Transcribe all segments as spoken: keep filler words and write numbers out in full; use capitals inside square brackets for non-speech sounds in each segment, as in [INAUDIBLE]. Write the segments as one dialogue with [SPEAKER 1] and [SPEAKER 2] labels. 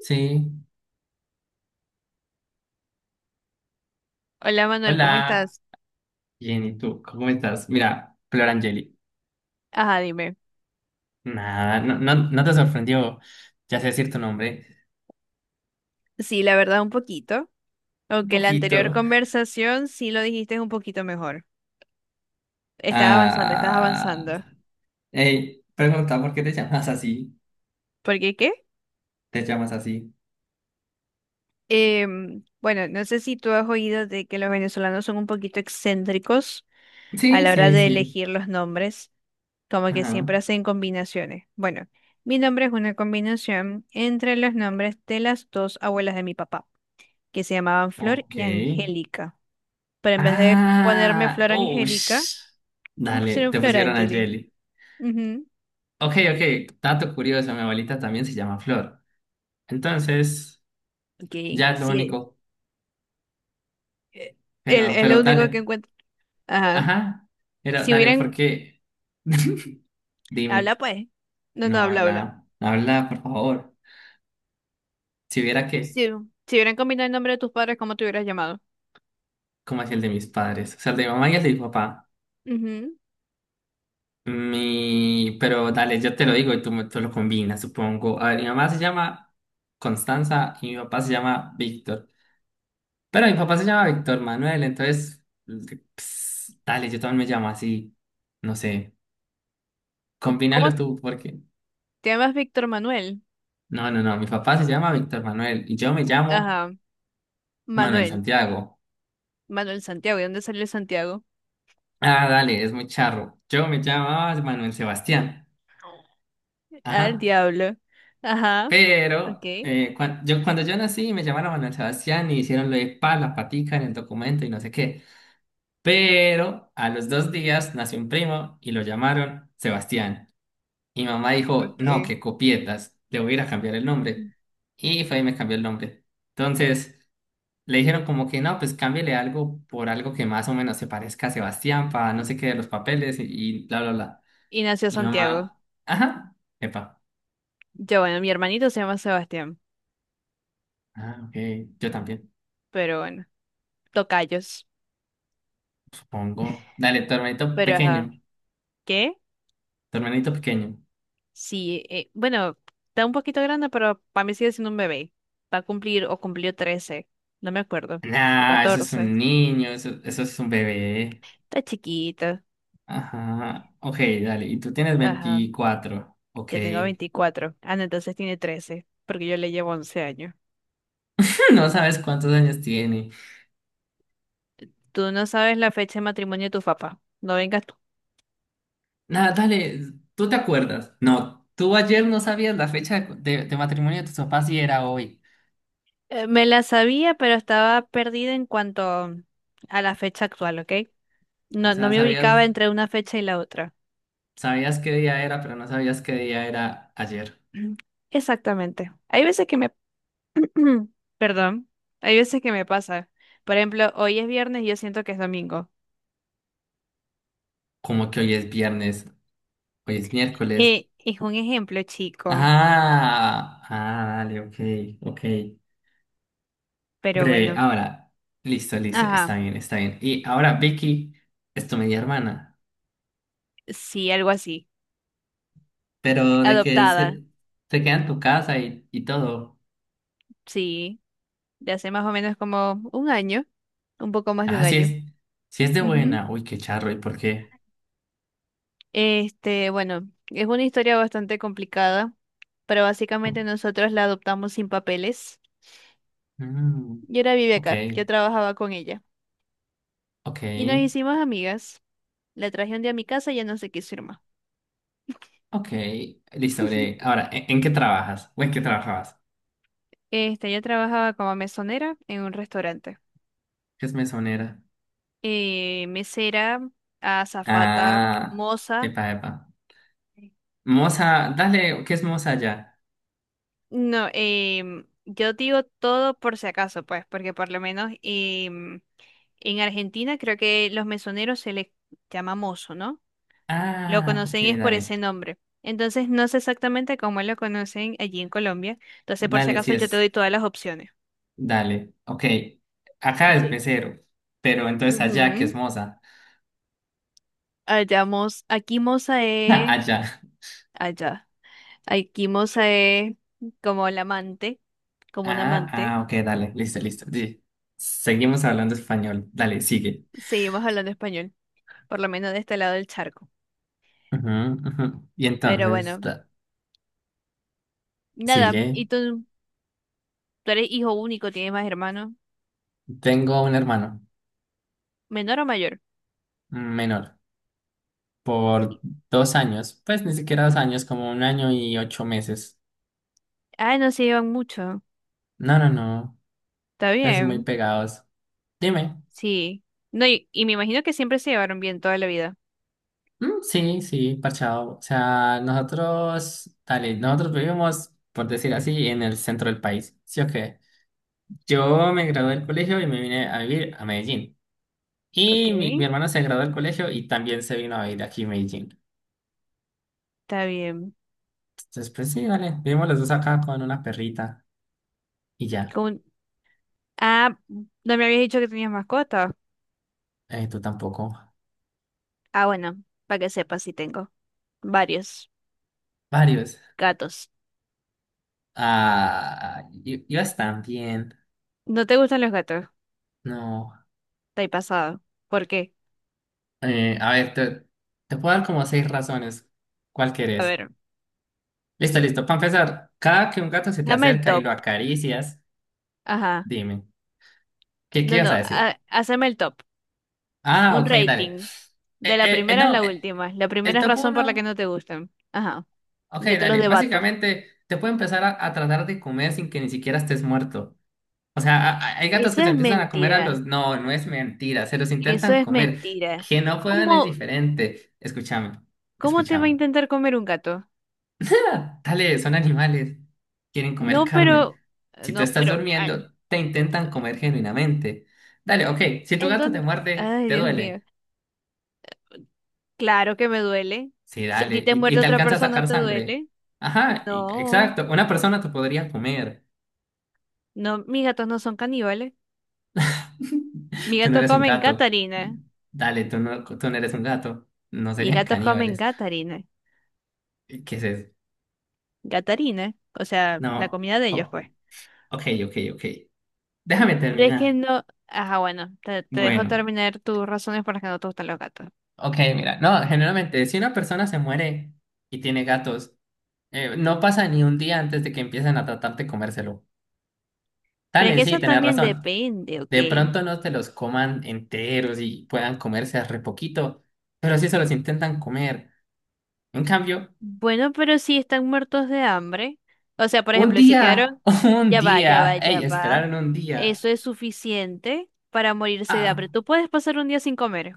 [SPEAKER 1] Sí,
[SPEAKER 2] Hola Manuel, ¿cómo
[SPEAKER 1] hola,
[SPEAKER 2] estás?
[SPEAKER 1] bien, ¿y tú? ¿Cómo estás? Mira, Flor Angeli.
[SPEAKER 2] Ajá, dime.
[SPEAKER 1] Nada, no, no, no te sorprendió, ya sé decir tu nombre.
[SPEAKER 2] Sí, la verdad un poquito,
[SPEAKER 1] Un
[SPEAKER 2] aunque la anterior
[SPEAKER 1] poquito.
[SPEAKER 2] conversación sí lo dijiste un poquito mejor. Estás avanzando, estás
[SPEAKER 1] Ah,
[SPEAKER 2] avanzando.
[SPEAKER 1] hey, pregunta, ¿por qué te llamas así?
[SPEAKER 2] ¿Por qué qué?
[SPEAKER 1] ¿Te llamas así?
[SPEAKER 2] Em, bueno, no sé si tú has oído de que los venezolanos son un poquito excéntricos a
[SPEAKER 1] Sí,
[SPEAKER 2] la hora
[SPEAKER 1] sí,
[SPEAKER 2] de
[SPEAKER 1] sí.
[SPEAKER 2] elegir los nombres, como que
[SPEAKER 1] Ajá,
[SPEAKER 2] siempre hacen combinaciones. Bueno, mi nombre es una combinación entre los nombres de las dos abuelas de mi papá, que se llamaban Flor y
[SPEAKER 1] ok.
[SPEAKER 2] Angélica. Pero en vez de ponerme
[SPEAKER 1] Ah,
[SPEAKER 2] Flor Angélica,
[SPEAKER 1] ush. Dale,
[SPEAKER 2] sería un
[SPEAKER 1] te
[SPEAKER 2] Flor
[SPEAKER 1] pusieron
[SPEAKER 2] Angeli.
[SPEAKER 1] Angeli.
[SPEAKER 2] Ujú.
[SPEAKER 1] Ok, ok, dato curioso, mi abuelita también se llama Flor. Entonces,
[SPEAKER 2] Ok,
[SPEAKER 1] ya es lo
[SPEAKER 2] sí.
[SPEAKER 1] único,
[SPEAKER 2] Eh, él
[SPEAKER 1] pero,
[SPEAKER 2] es
[SPEAKER 1] pero
[SPEAKER 2] lo único que
[SPEAKER 1] dale.
[SPEAKER 2] encuentro. Ajá.
[SPEAKER 1] Ajá. Pero
[SPEAKER 2] Si
[SPEAKER 1] dale, ¿por
[SPEAKER 2] hubieran.
[SPEAKER 1] qué? [LAUGHS]
[SPEAKER 2] Habla,
[SPEAKER 1] Dime.
[SPEAKER 2] pues. No, no,
[SPEAKER 1] No,
[SPEAKER 2] habla, habla.
[SPEAKER 1] habla, no habla, por favor. Si viera que,
[SPEAKER 2] Si, si hubieran combinado el nombre de tus padres, ¿cómo te hubieras llamado?
[SPEAKER 1] como hacía el de mis padres, o sea, el de mi mamá y el de mi papá.
[SPEAKER 2] Ujú.
[SPEAKER 1] Mi, pero dale, yo te lo digo y tú, me- tú lo combinas, supongo. A ver, mi mamá se llama Constanza y mi papá se llama Víctor. Pero mi papá se llama Víctor Manuel, entonces, ps, dale, yo también me llamo así. No sé,
[SPEAKER 2] Co- ¿Cómo
[SPEAKER 1] combínalos tú, porque.
[SPEAKER 2] te llamas Víctor Manuel?
[SPEAKER 1] No, no, no, mi papá se llama Víctor Manuel y yo me llamo
[SPEAKER 2] Ajá.
[SPEAKER 1] Manuel
[SPEAKER 2] Manuel.
[SPEAKER 1] Santiago.
[SPEAKER 2] Manuel Santiago. ¿De dónde salió el Santiago?
[SPEAKER 1] Ah, dale, es muy charro. Yo me llamaba Manuel Sebastián.
[SPEAKER 2] Al
[SPEAKER 1] Ajá.
[SPEAKER 2] diablo. Ajá. Ok.
[SPEAKER 1] Pero eh, cuan- yo, cuando yo nací me llamaron Manuel Sebastián y hicieron lo de pa, la patica en el documento y no sé qué. Pero a los dos días nació un primo y lo llamaron Sebastián. Y mamá dijo, no,
[SPEAKER 2] Okay.
[SPEAKER 1] que copietas, le voy a ir a cambiar el nombre. Y fue y me cambió el nombre. Entonces le dijeron como que no, pues cámbiale algo por algo que más o menos se parezca a Sebastián para no sé qué de los papeles y, y bla, bla, bla.
[SPEAKER 2] Y nació
[SPEAKER 1] Y mi
[SPEAKER 2] Santiago.
[SPEAKER 1] mamá, ajá, epa,
[SPEAKER 2] Yo, bueno, mi hermanito se llama Sebastián.
[SPEAKER 1] ah, ok, yo también,
[SPEAKER 2] Pero bueno, tocayos.
[SPEAKER 1] supongo. Dale, tu hermanito
[SPEAKER 2] Pero ajá.
[SPEAKER 1] pequeño,
[SPEAKER 2] ¿Qué?
[SPEAKER 1] tu hermanito pequeño.
[SPEAKER 2] Sí, eh, bueno, está un poquito grande, pero para mí sigue siendo un bebé. Va a cumplir o cumplió trece, no me acuerdo, o
[SPEAKER 1] Nah, eso es
[SPEAKER 2] catorce.
[SPEAKER 1] un niño, eso, eso es un bebé.
[SPEAKER 2] Está chiquito.
[SPEAKER 1] Ajá, ok, dale, y tú tienes
[SPEAKER 2] Ajá,
[SPEAKER 1] veinticuatro. Ok.
[SPEAKER 2] yo tengo veinticuatro. Ah, no, entonces tiene trece, porque yo le llevo once años.
[SPEAKER 1] [LAUGHS] No sabes cuántos años tiene.
[SPEAKER 2] Tú no sabes la fecha de matrimonio de tu papá. No vengas tú.
[SPEAKER 1] Nada dale, ¿tú te acuerdas? No, tú ayer no sabías la fecha de, de- de matrimonio de tus papás y era hoy.
[SPEAKER 2] Eh, me la sabía, pero estaba perdida en cuanto a la fecha actual, ¿ok?
[SPEAKER 1] O
[SPEAKER 2] No, no
[SPEAKER 1] sea,
[SPEAKER 2] me ubicaba
[SPEAKER 1] sabías,
[SPEAKER 2] entre una fecha y la otra.
[SPEAKER 1] sabías qué día era, pero no sabías qué día era ayer.
[SPEAKER 2] [CLEARS THROAT] Exactamente. Hay veces que me [CLEARS THROAT] perdón, hay veces que me pasa. Por ejemplo, hoy es viernes y yo siento que es domingo.
[SPEAKER 1] Como que hoy es viernes. Hoy es miércoles.
[SPEAKER 2] Eh, es un ejemplo chico,
[SPEAKER 1] Ah, ah, dale, ok, ok.
[SPEAKER 2] pero
[SPEAKER 1] Breve,
[SPEAKER 2] bueno.
[SPEAKER 1] ahora. Listo, listo, está
[SPEAKER 2] Ajá,
[SPEAKER 1] bien, está bien. Y ahora, Vicky, es tu media hermana,
[SPEAKER 2] sí, algo así.
[SPEAKER 1] pero de que
[SPEAKER 2] Adoptada,
[SPEAKER 1] se, se queda en tu casa y, y todo.
[SPEAKER 2] sí, de hace más o menos como un año, un poco más de un
[SPEAKER 1] Ah, sí
[SPEAKER 2] año.
[SPEAKER 1] es, sí es de
[SPEAKER 2] Ujú.
[SPEAKER 1] buena. Uy, qué charro, ¿y por qué?
[SPEAKER 2] Este, bueno, es una historia bastante complicada, pero básicamente nosotros la adoptamos sin papeles.
[SPEAKER 1] Mm,
[SPEAKER 2] Yo ahora vive
[SPEAKER 1] ok,
[SPEAKER 2] acá, yo trabajaba con ella
[SPEAKER 1] ok,
[SPEAKER 2] y nos hicimos amigas. La traje un día a mi casa y ya no se quiso ir más.
[SPEAKER 1] ok. Listo, breve. Ahora, ¿en, en qué trabajas? ¿O en qué trabajabas?
[SPEAKER 2] Este, yo trabajaba como mesonera en un restaurante.
[SPEAKER 1] ¿Qué es mesonera?
[SPEAKER 2] Eh, mesera, azafata,
[SPEAKER 1] Ah,
[SPEAKER 2] moza.
[SPEAKER 1] epa, epa. Moza, dale, ¿qué es moza ya?
[SPEAKER 2] No, em, yo digo todo por si acaso, pues, porque por lo menos em, en Argentina creo que los mesoneros se les llama mozo, ¿no? Lo
[SPEAKER 1] Ah, ok,
[SPEAKER 2] conocen es por
[SPEAKER 1] dale.
[SPEAKER 2] ese nombre. Entonces no sé exactamente cómo lo conocen allí en Colombia. Entonces, por si
[SPEAKER 1] Dale, sí
[SPEAKER 2] acaso, yo te
[SPEAKER 1] es.
[SPEAKER 2] doy todas las opciones.
[SPEAKER 1] Dale, ok. Acá
[SPEAKER 2] Ok.
[SPEAKER 1] es mesero, pero entonces allá, ¿qué es
[SPEAKER 2] Ujú.
[SPEAKER 1] moza?
[SPEAKER 2] Allá, mos- aquí moza
[SPEAKER 1] [LAUGHS]
[SPEAKER 2] es
[SPEAKER 1] Allá.
[SPEAKER 2] allá. Aikimos eh, como el amante, como un
[SPEAKER 1] Ah,
[SPEAKER 2] amante.
[SPEAKER 1] ah, ok, dale, listo,
[SPEAKER 2] ¿M?
[SPEAKER 1] listo. Sí. Seguimos hablando español. Dale, sigue.
[SPEAKER 2] Seguimos hablando español, por lo menos de este lado del charco.
[SPEAKER 1] Ujú, ujú. Y
[SPEAKER 2] Pero
[SPEAKER 1] entonces,
[SPEAKER 2] bueno,
[SPEAKER 1] da-
[SPEAKER 2] nada.
[SPEAKER 1] sigue.
[SPEAKER 2] ¿Y tú, tú eres hijo único, tienes más hermanos?
[SPEAKER 1] Tengo un hermano
[SPEAKER 2] ¿Menor o mayor?
[SPEAKER 1] menor por dos años, pues ni siquiera dos años, como un año y ocho meses.
[SPEAKER 2] Ah, no se llevan mucho.
[SPEAKER 1] No, no, no,
[SPEAKER 2] Está
[SPEAKER 1] pues muy
[SPEAKER 2] bien.
[SPEAKER 1] pegados. Dime.
[SPEAKER 2] Sí. No, y, y me imagino que siempre se llevaron bien toda la vida.
[SPEAKER 1] Mm, sí, sí, parchado. O sea, nosotros, dale, nosotros vivimos, por decir así, en el centro del país. ¿Sí o qué? Yo me gradué del colegio y me vine a vivir a Medellín.
[SPEAKER 2] Ok.
[SPEAKER 1] Y mi, mi hermano se graduó del colegio y también se vino a vivir aquí a Medellín.
[SPEAKER 2] Está bien.
[SPEAKER 1] Entonces, pues sí, dale, vivimos los dos acá con una perrita y ya.
[SPEAKER 2] Con- Ah, no me habías dicho que tenías mascota.
[SPEAKER 1] Eh, tú tampoco.
[SPEAKER 2] Ah, bueno, para que sepas, sí tengo varios
[SPEAKER 1] Varios.
[SPEAKER 2] gatos.
[SPEAKER 1] Ah, y, y vas también.
[SPEAKER 2] ¿No te gustan los gatos?
[SPEAKER 1] No.
[SPEAKER 2] Estoy pasado. ¿Por qué?
[SPEAKER 1] Eh, a ver, te, te puedo dar como seis razones. ¿Cuál
[SPEAKER 2] A
[SPEAKER 1] querés?
[SPEAKER 2] ver,
[SPEAKER 1] Listo, listo. Para empezar, cada que un gato se te
[SPEAKER 2] dame el
[SPEAKER 1] acerca y
[SPEAKER 2] top.
[SPEAKER 1] lo acaricias,
[SPEAKER 2] Ajá.
[SPEAKER 1] dime, ¿qué, qué
[SPEAKER 2] No,
[SPEAKER 1] ibas a
[SPEAKER 2] no,
[SPEAKER 1] decir?
[SPEAKER 2] ha- haceme el top.
[SPEAKER 1] Ah,
[SPEAKER 2] Un
[SPEAKER 1] ok, dale.
[SPEAKER 2] rating. De
[SPEAKER 1] Eh,
[SPEAKER 2] la
[SPEAKER 1] eh, eh,
[SPEAKER 2] primera a
[SPEAKER 1] no,
[SPEAKER 2] la
[SPEAKER 1] eh,
[SPEAKER 2] última. La
[SPEAKER 1] el
[SPEAKER 2] primera es
[SPEAKER 1] top
[SPEAKER 2] razón por la que
[SPEAKER 1] uno,
[SPEAKER 2] no te gustan. Ajá.
[SPEAKER 1] ok,
[SPEAKER 2] Yo te los
[SPEAKER 1] dale.
[SPEAKER 2] debato.
[SPEAKER 1] Básicamente, te puede empezar a, a tratar de comer sin que ni siquiera estés muerto. O sea, a- a- hay gatos
[SPEAKER 2] Eso
[SPEAKER 1] que se
[SPEAKER 2] es
[SPEAKER 1] empiezan a comer a los.
[SPEAKER 2] mentira.
[SPEAKER 1] No, no es mentira, se los
[SPEAKER 2] Eso
[SPEAKER 1] intentan
[SPEAKER 2] es
[SPEAKER 1] comer.
[SPEAKER 2] mentira.
[SPEAKER 1] Que no puedan es
[SPEAKER 2] ¿Cómo,
[SPEAKER 1] diferente. Escúchame,
[SPEAKER 2] cómo te va a
[SPEAKER 1] escúchame.
[SPEAKER 2] intentar comer un gato?
[SPEAKER 1] [LAUGHS] Dale, son animales. Quieren comer
[SPEAKER 2] No, pero...
[SPEAKER 1] carne. Si tú
[SPEAKER 2] No,
[SPEAKER 1] estás
[SPEAKER 2] pero... Ay,
[SPEAKER 1] durmiendo, te intentan comer genuinamente. Dale, ok. Si tu
[SPEAKER 2] ¿en
[SPEAKER 1] gato te
[SPEAKER 2] dónde?
[SPEAKER 1] muerde,
[SPEAKER 2] Ay,
[SPEAKER 1] te
[SPEAKER 2] Dios mío.
[SPEAKER 1] duele.
[SPEAKER 2] Claro que me duele.
[SPEAKER 1] Sí,
[SPEAKER 2] Si a ti
[SPEAKER 1] dale.
[SPEAKER 2] te
[SPEAKER 1] Y, y
[SPEAKER 2] muerde
[SPEAKER 1] te
[SPEAKER 2] otra
[SPEAKER 1] alcanza a
[SPEAKER 2] persona,
[SPEAKER 1] sacar
[SPEAKER 2] ¿te
[SPEAKER 1] sangre.
[SPEAKER 2] duele?
[SPEAKER 1] Ajá, y-
[SPEAKER 2] No.
[SPEAKER 1] exacto. Una persona te podría comer.
[SPEAKER 2] No, mis gatos no son caníbales.
[SPEAKER 1] [LAUGHS]
[SPEAKER 2] Mis
[SPEAKER 1] Tú no
[SPEAKER 2] gatos
[SPEAKER 1] eres un
[SPEAKER 2] comen
[SPEAKER 1] gato.
[SPEAKER 2] gatarina.
[SPEAKER 1] Dale, tú no, tú no eres un gato. No
[SPEAKER 2] Mis
[SPEAKER 1] serían
[SPEAKER 2] gatos comen
[SPEAKER 1] caníbales.
[SPEAKER 2] gatarina.
[SPEAKER 1] ¿Qué es eso?
[SPEAKER 2] Gatarina. O sea, la
[SPEAKER 1] No.
[SPEAKER 2] comida de ellos,
[SPEAKER 1] O-
[SPEAKER 2] pues.
[SPEAKER 1] ok, ok, ok. Déjame
[SPEAKER 2] Pero es que
[SPEAKER 1] terminar.
[SPEAKER 2] no. Ajá, bueno, te, te dejo
[SPEAKER 1] Bueno.
[SPEAKER 2] terminar tus razones por las que no te gustan los gatos.
[SPEAKER 1] Ok, mira, no, generalmente si una persona se muere y tiene gatos, eh, no pasa ni un día antes de que empiecen a tratar de comérselo.
[SPEAKER 2] Pero es
[SPEAKER 1] Dale,
[SPEAKER 2] que
[SPEAKER 1] sí,
[SPEAKER 2] eso
[SPEAKER 1] tenés
[SPEAKER 2] también
[SPEAKER 1] razón.
[SPEAKER 2] depende, ¿ok?
[SPEAKER 1] De pronto no te los coman enteros y puedan comerse re poquito, pero sí se los intentan comer. En cambio,
[SPEAKER 2] Bueno, pero si están muertos de hambre. O sea, por
[SPEAKER 1] un
[SPEAKER 2] ejemplo, si
[SPEAKER 1] día,
[SPEAKER 2] quedaron.
[SPEAKER 1] [LAUGHS] un
[SPEAKER 2] Ya va, ya va,
[SPEAKER 1] día, ey,
[SPEAKER 2] ya va.
[SPEAKER 1] esperaron un día.
[SPEAKER 2] Eso es suficiente para morirse de
[SPEAKER 1] Ah,
[SPEAKER 2] hambre. Tú puedes pasar un día sin comer.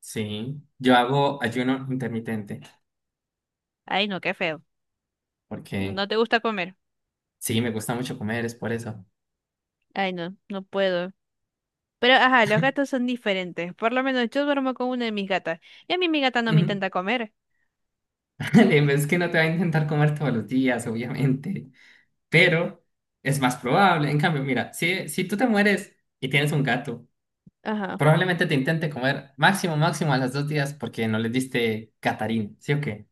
[SPEAKER 1] sí, yo hago ayuno intermitente
[SPEAKER 2] Ay, no, qué feo.
[SPEAKER 1] porque
[SPEAKER 2] No te gusta comer.
[SPEAKER 1] sí, me gusta mucho comer, es por eso.
[SPEAKER 2] Ay, no, no puedo. Pero, ajá, los gatos son diferentes. Por lo menos yo duermo con una de mis gatas. Y a mí mi gata no me
[SPEAKER 1] Ujú.
[SPEAKER 2] intenta comer.
[SPEAKER 1] [LAUGHS] Es que no te va a intentar comer todos los días, obviamente, pero es más probable. En cambio, mira, si, si tú te mueres y tienes un gato,
[SPEAKER 2] Ajá.
[SPEAKER 1] probablemente te intente comer máximo, máximo a las dos días porque no le diste catarín, ¿sí o qué?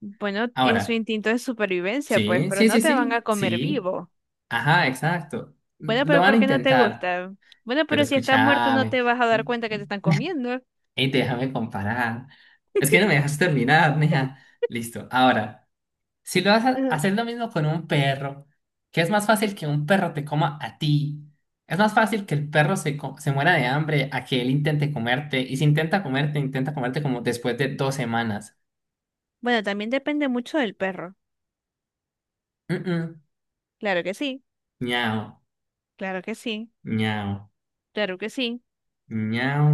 [SPEAKER 2] Bueno, es su
[SPEAKER 1] Ahora,
[SPEAKER 2] instinto de supervivencia, pues,
[SPEAKER 1] sí,
[SPEAKER 2] pero
[SPEAKER 1] sí, sí,
[SPEAKER 2] no te van a
[SPEAKER 1] sí,
[SPEAKER 2] comer
[SPEAKER 1] sí,
[SPEAKER 2] vivo.
[SPEAKER 1] ajá, exacto.
[SPEAKER 2] Bueno,
[SPEAKER 1] Lo
[SPEAKER 2] pero
[SPEAKER 1] van a
[SPEAKER 2] ¿por qué no te
[SPEAKER 1] intentar,
[SPEAKER 2] gusta? Bueno,
[SPEAKER 1] pero
[SPEAKER 2] pero si estás muerto no
[SPEAKER 1] escúchame
[SPEAKER 2] te vas a dar cuenta que te están comiendo.
[SPEAKER 1] y déjame comparar. Es que no me dejas terminar, mija. Listo, ahora. Si lo vas a
[SPEAKER 2] Ajá.
[SPEAKER 1] hacer lo mismo con un perro, que es más fácil que un perro te coma a ti, es más fácil que el perro se, co- se muera de hambre a que él intente comerte, y si intenta comerte, intenta comerte como después de dos semanas.
[SPEAKER 2] Bueno, también depende mucho del perro.
[SPEAKER 1] Mm-mm.
[SPEAKER 2] Claro que sí,
[SPEAKER 1] Ñao,
[SPEAKER 2] claro que sí,
[SPEAKER 1] ñao,
[SPEAKER 2] claro que sí.
[SPEAKER 1] ñao.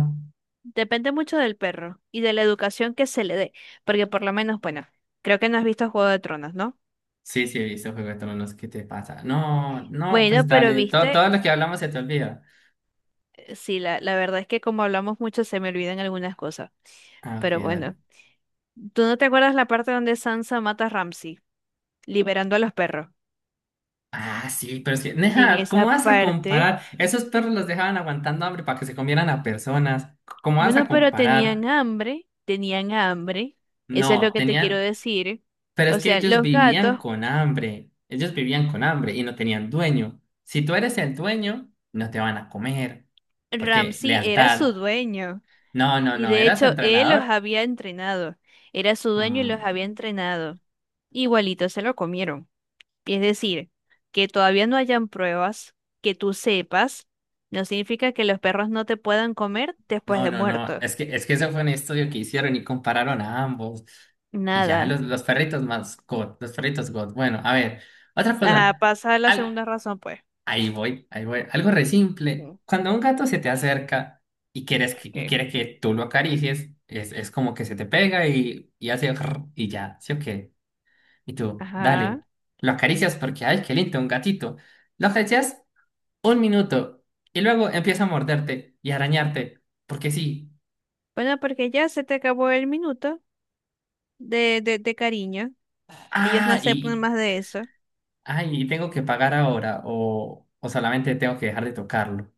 [SPEAKER 2] Depende mucho del perro y de la educación que se le dé. Porque por lo menos, bueno, creo que no has visto Juego de Tronos, ¿no?
[SPEAKER 1] Sí, sí, he visto Juego de Tronos, ¿qué te pasa? No, no, pues
[SPEAKER 2] Bueno, pero
[SPEAKER 1] dale, todo,
[SPEAKER 2] viste
[SPEAKER 1] todo lo que hablamos se te olvida.
[SPEAKER 2] sí, la, la verdad es que como hablamos mucho se me olvidan algunas cosas.
[SPEAKER 1] Ah, ok,
[SPEAKER 2] Pero
[SPEAKER 1] dale.
[SPEAKER 2] bueno, ¿tú no te acuerdas la parte donde Sansa mata a Ramsay, liberando a los perros?
[SPEAKER 1] Ah, sí, pero es que,
[SPEAKER 2] En
[SPEAKER 1] Neja, ¿cómo
[SPEAKER 2] esa
[SPEAKER 1] vas a
[SPEAKER 2] parte,
[SPEAKER 1] comparar? Esos perros los dejaban aguantando hambre para que se comieran a personas. C- ¿Cómo vas
[SPEAKER 2] bueno,
[SPEAKER 1] a
[SPEAKER 2] pero tenían
[SPEAKER 1] comparar?
[SPEAKER 2] hambre, tenían hambre, eso es lo
[SPEAKER 1] No,
[SPEAKER 2] que te quiero
[SPEAKER 1] tenían,
[SPEAKER 2] decir.
[SPEAKER 1] pero es
[SPEAKER 2] O
[SPEAKER 1] que
[SPEAKER 2] sea,
[SPEAKER 1] ellos
[SPEAKER 2] los
[SPEAKER 1] vivían
[SPEAKER 2] gatos,
[SPEAKER 1] con hambre. Ellos vivían con hambre y no tenían dueño. Si tú eres el dueño, no te van a comer. Porque
[SPEAKER 2] Ramsay era su
[SPEAKER 1] lealtad.
[SPEAKER 2] dueño
[SPEAKER 1] No, no,
[SPEAKER 2] y
[SPEAKER 1] no,
[SPEAKER 2] de
[SPEAKER 1] era su
[SPEAKER 2] hecho él los
[SPEAKER 1] entrenador.
[SPEAKER 2] había entrenado, era su dueño y los
[SPEAKER 1] Mm,
[SPEAKER 2] había entrenado. Igualito se lo comieron. Es decir, que todavía no hayan pruebas que tú sepas, no significa que los perros no te puedan comer después
[SPEAKER 1] no,
[SPEAKER 2] de
[SPEAKER 1] no, no,
[SPEAKER 2] muerto.
[SPEAKER 1] es que, es que eso fue un estudio que hicieron y compararon a ambos. Y ya,
[SPEAKER 2] Nada.
[SPEAKER 1] los, los perritos más God, los perritos God. Bueno, a ver, otra
[SPEAKER 2] Ajá,
[SPEAKER 1] cosa.
[SPEAKER 2] pasa a la
[SPEAKER 1] Al-
[SPEAKER 2] segunda razón, pues.
[SPEAKER 1] ahí voy, ahí voy. Algo re simple.
[SPEAKER 2] Mm,
[SPEAKER 1] Cuando un gato se te acerca y quieres que, y
[SPEAKER 2] ok.
[SPEAKER 1] quiere que tú lo acaricies, es, es como que se te pega y, y hace rrr y ya, ¿sí o qué? Y tú,
[SPEAKER 2] Ajá.
[SPEAKER 1] dale, lo acaricias porque, ay, qué lindo, un gatito. Lo acaricias un minuto y luego empieza a morderte y arañarte porque sí.
[SPEAKER 2] Bueno, porque ya se te acabó el minuto de, de, de cariño. Ellos no
[SPEAKER 1] Ah,
[SPEAKER 2] aceptan
[SPEAKER 1] y,
[SPEAKER 2] más de eso.
[SPEAKER 1] ah, y tengo que pagar ahora o, o solamente tengo que dejar de tocarlo.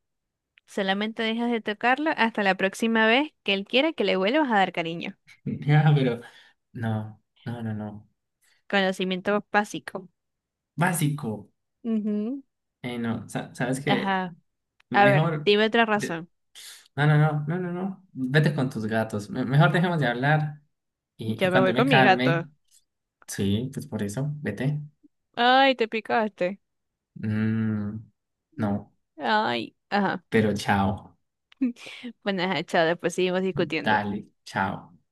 [SPEAKER 2] Solamente dejas de tocarlo hasta la próxima vez que él quiera que le vuelvas a dar cariño.
[SPEAKER 1] [LAUGHS] Ya, pero no, no, no, no.
[SPEAKER 2] Conocimiento básico.
[SPEAKER 1] Básico.
[SPEAKER 2] Ujú.
[SPEAKER 1] Eh, no, sa- sabes que
[SPEAKER 2] Ajá. A ver,
[SPEAKER 1] mejor.
[SPEAKER 2] dime otra
[SPEAKER 1] de-
[SPEAKER 2] razón.
[SPEAKER 1] No, no, no, no, no, no. Vete con tus gatos. Me- mejor dejemos de hablar y, y
[SPEAKER 2] Yo me voy
[SPEAKER 1] cuando me
[SPEAKER 2] con mi gato.
[SPEAKER 1] calme, sí, pues por eso, vete.
[SPEAKER 2] Ay, te picaste.
[SPEAKER 1] Mm, no,
[SPEAKER 2] Ay, ajá.
[SPEAKER 1] pero chao.
[SPEAKER 2] [LAUGHS] Bueno, ajá, chao, después seguimos discutiendo.
[SPEAKER 1] Dale, chao.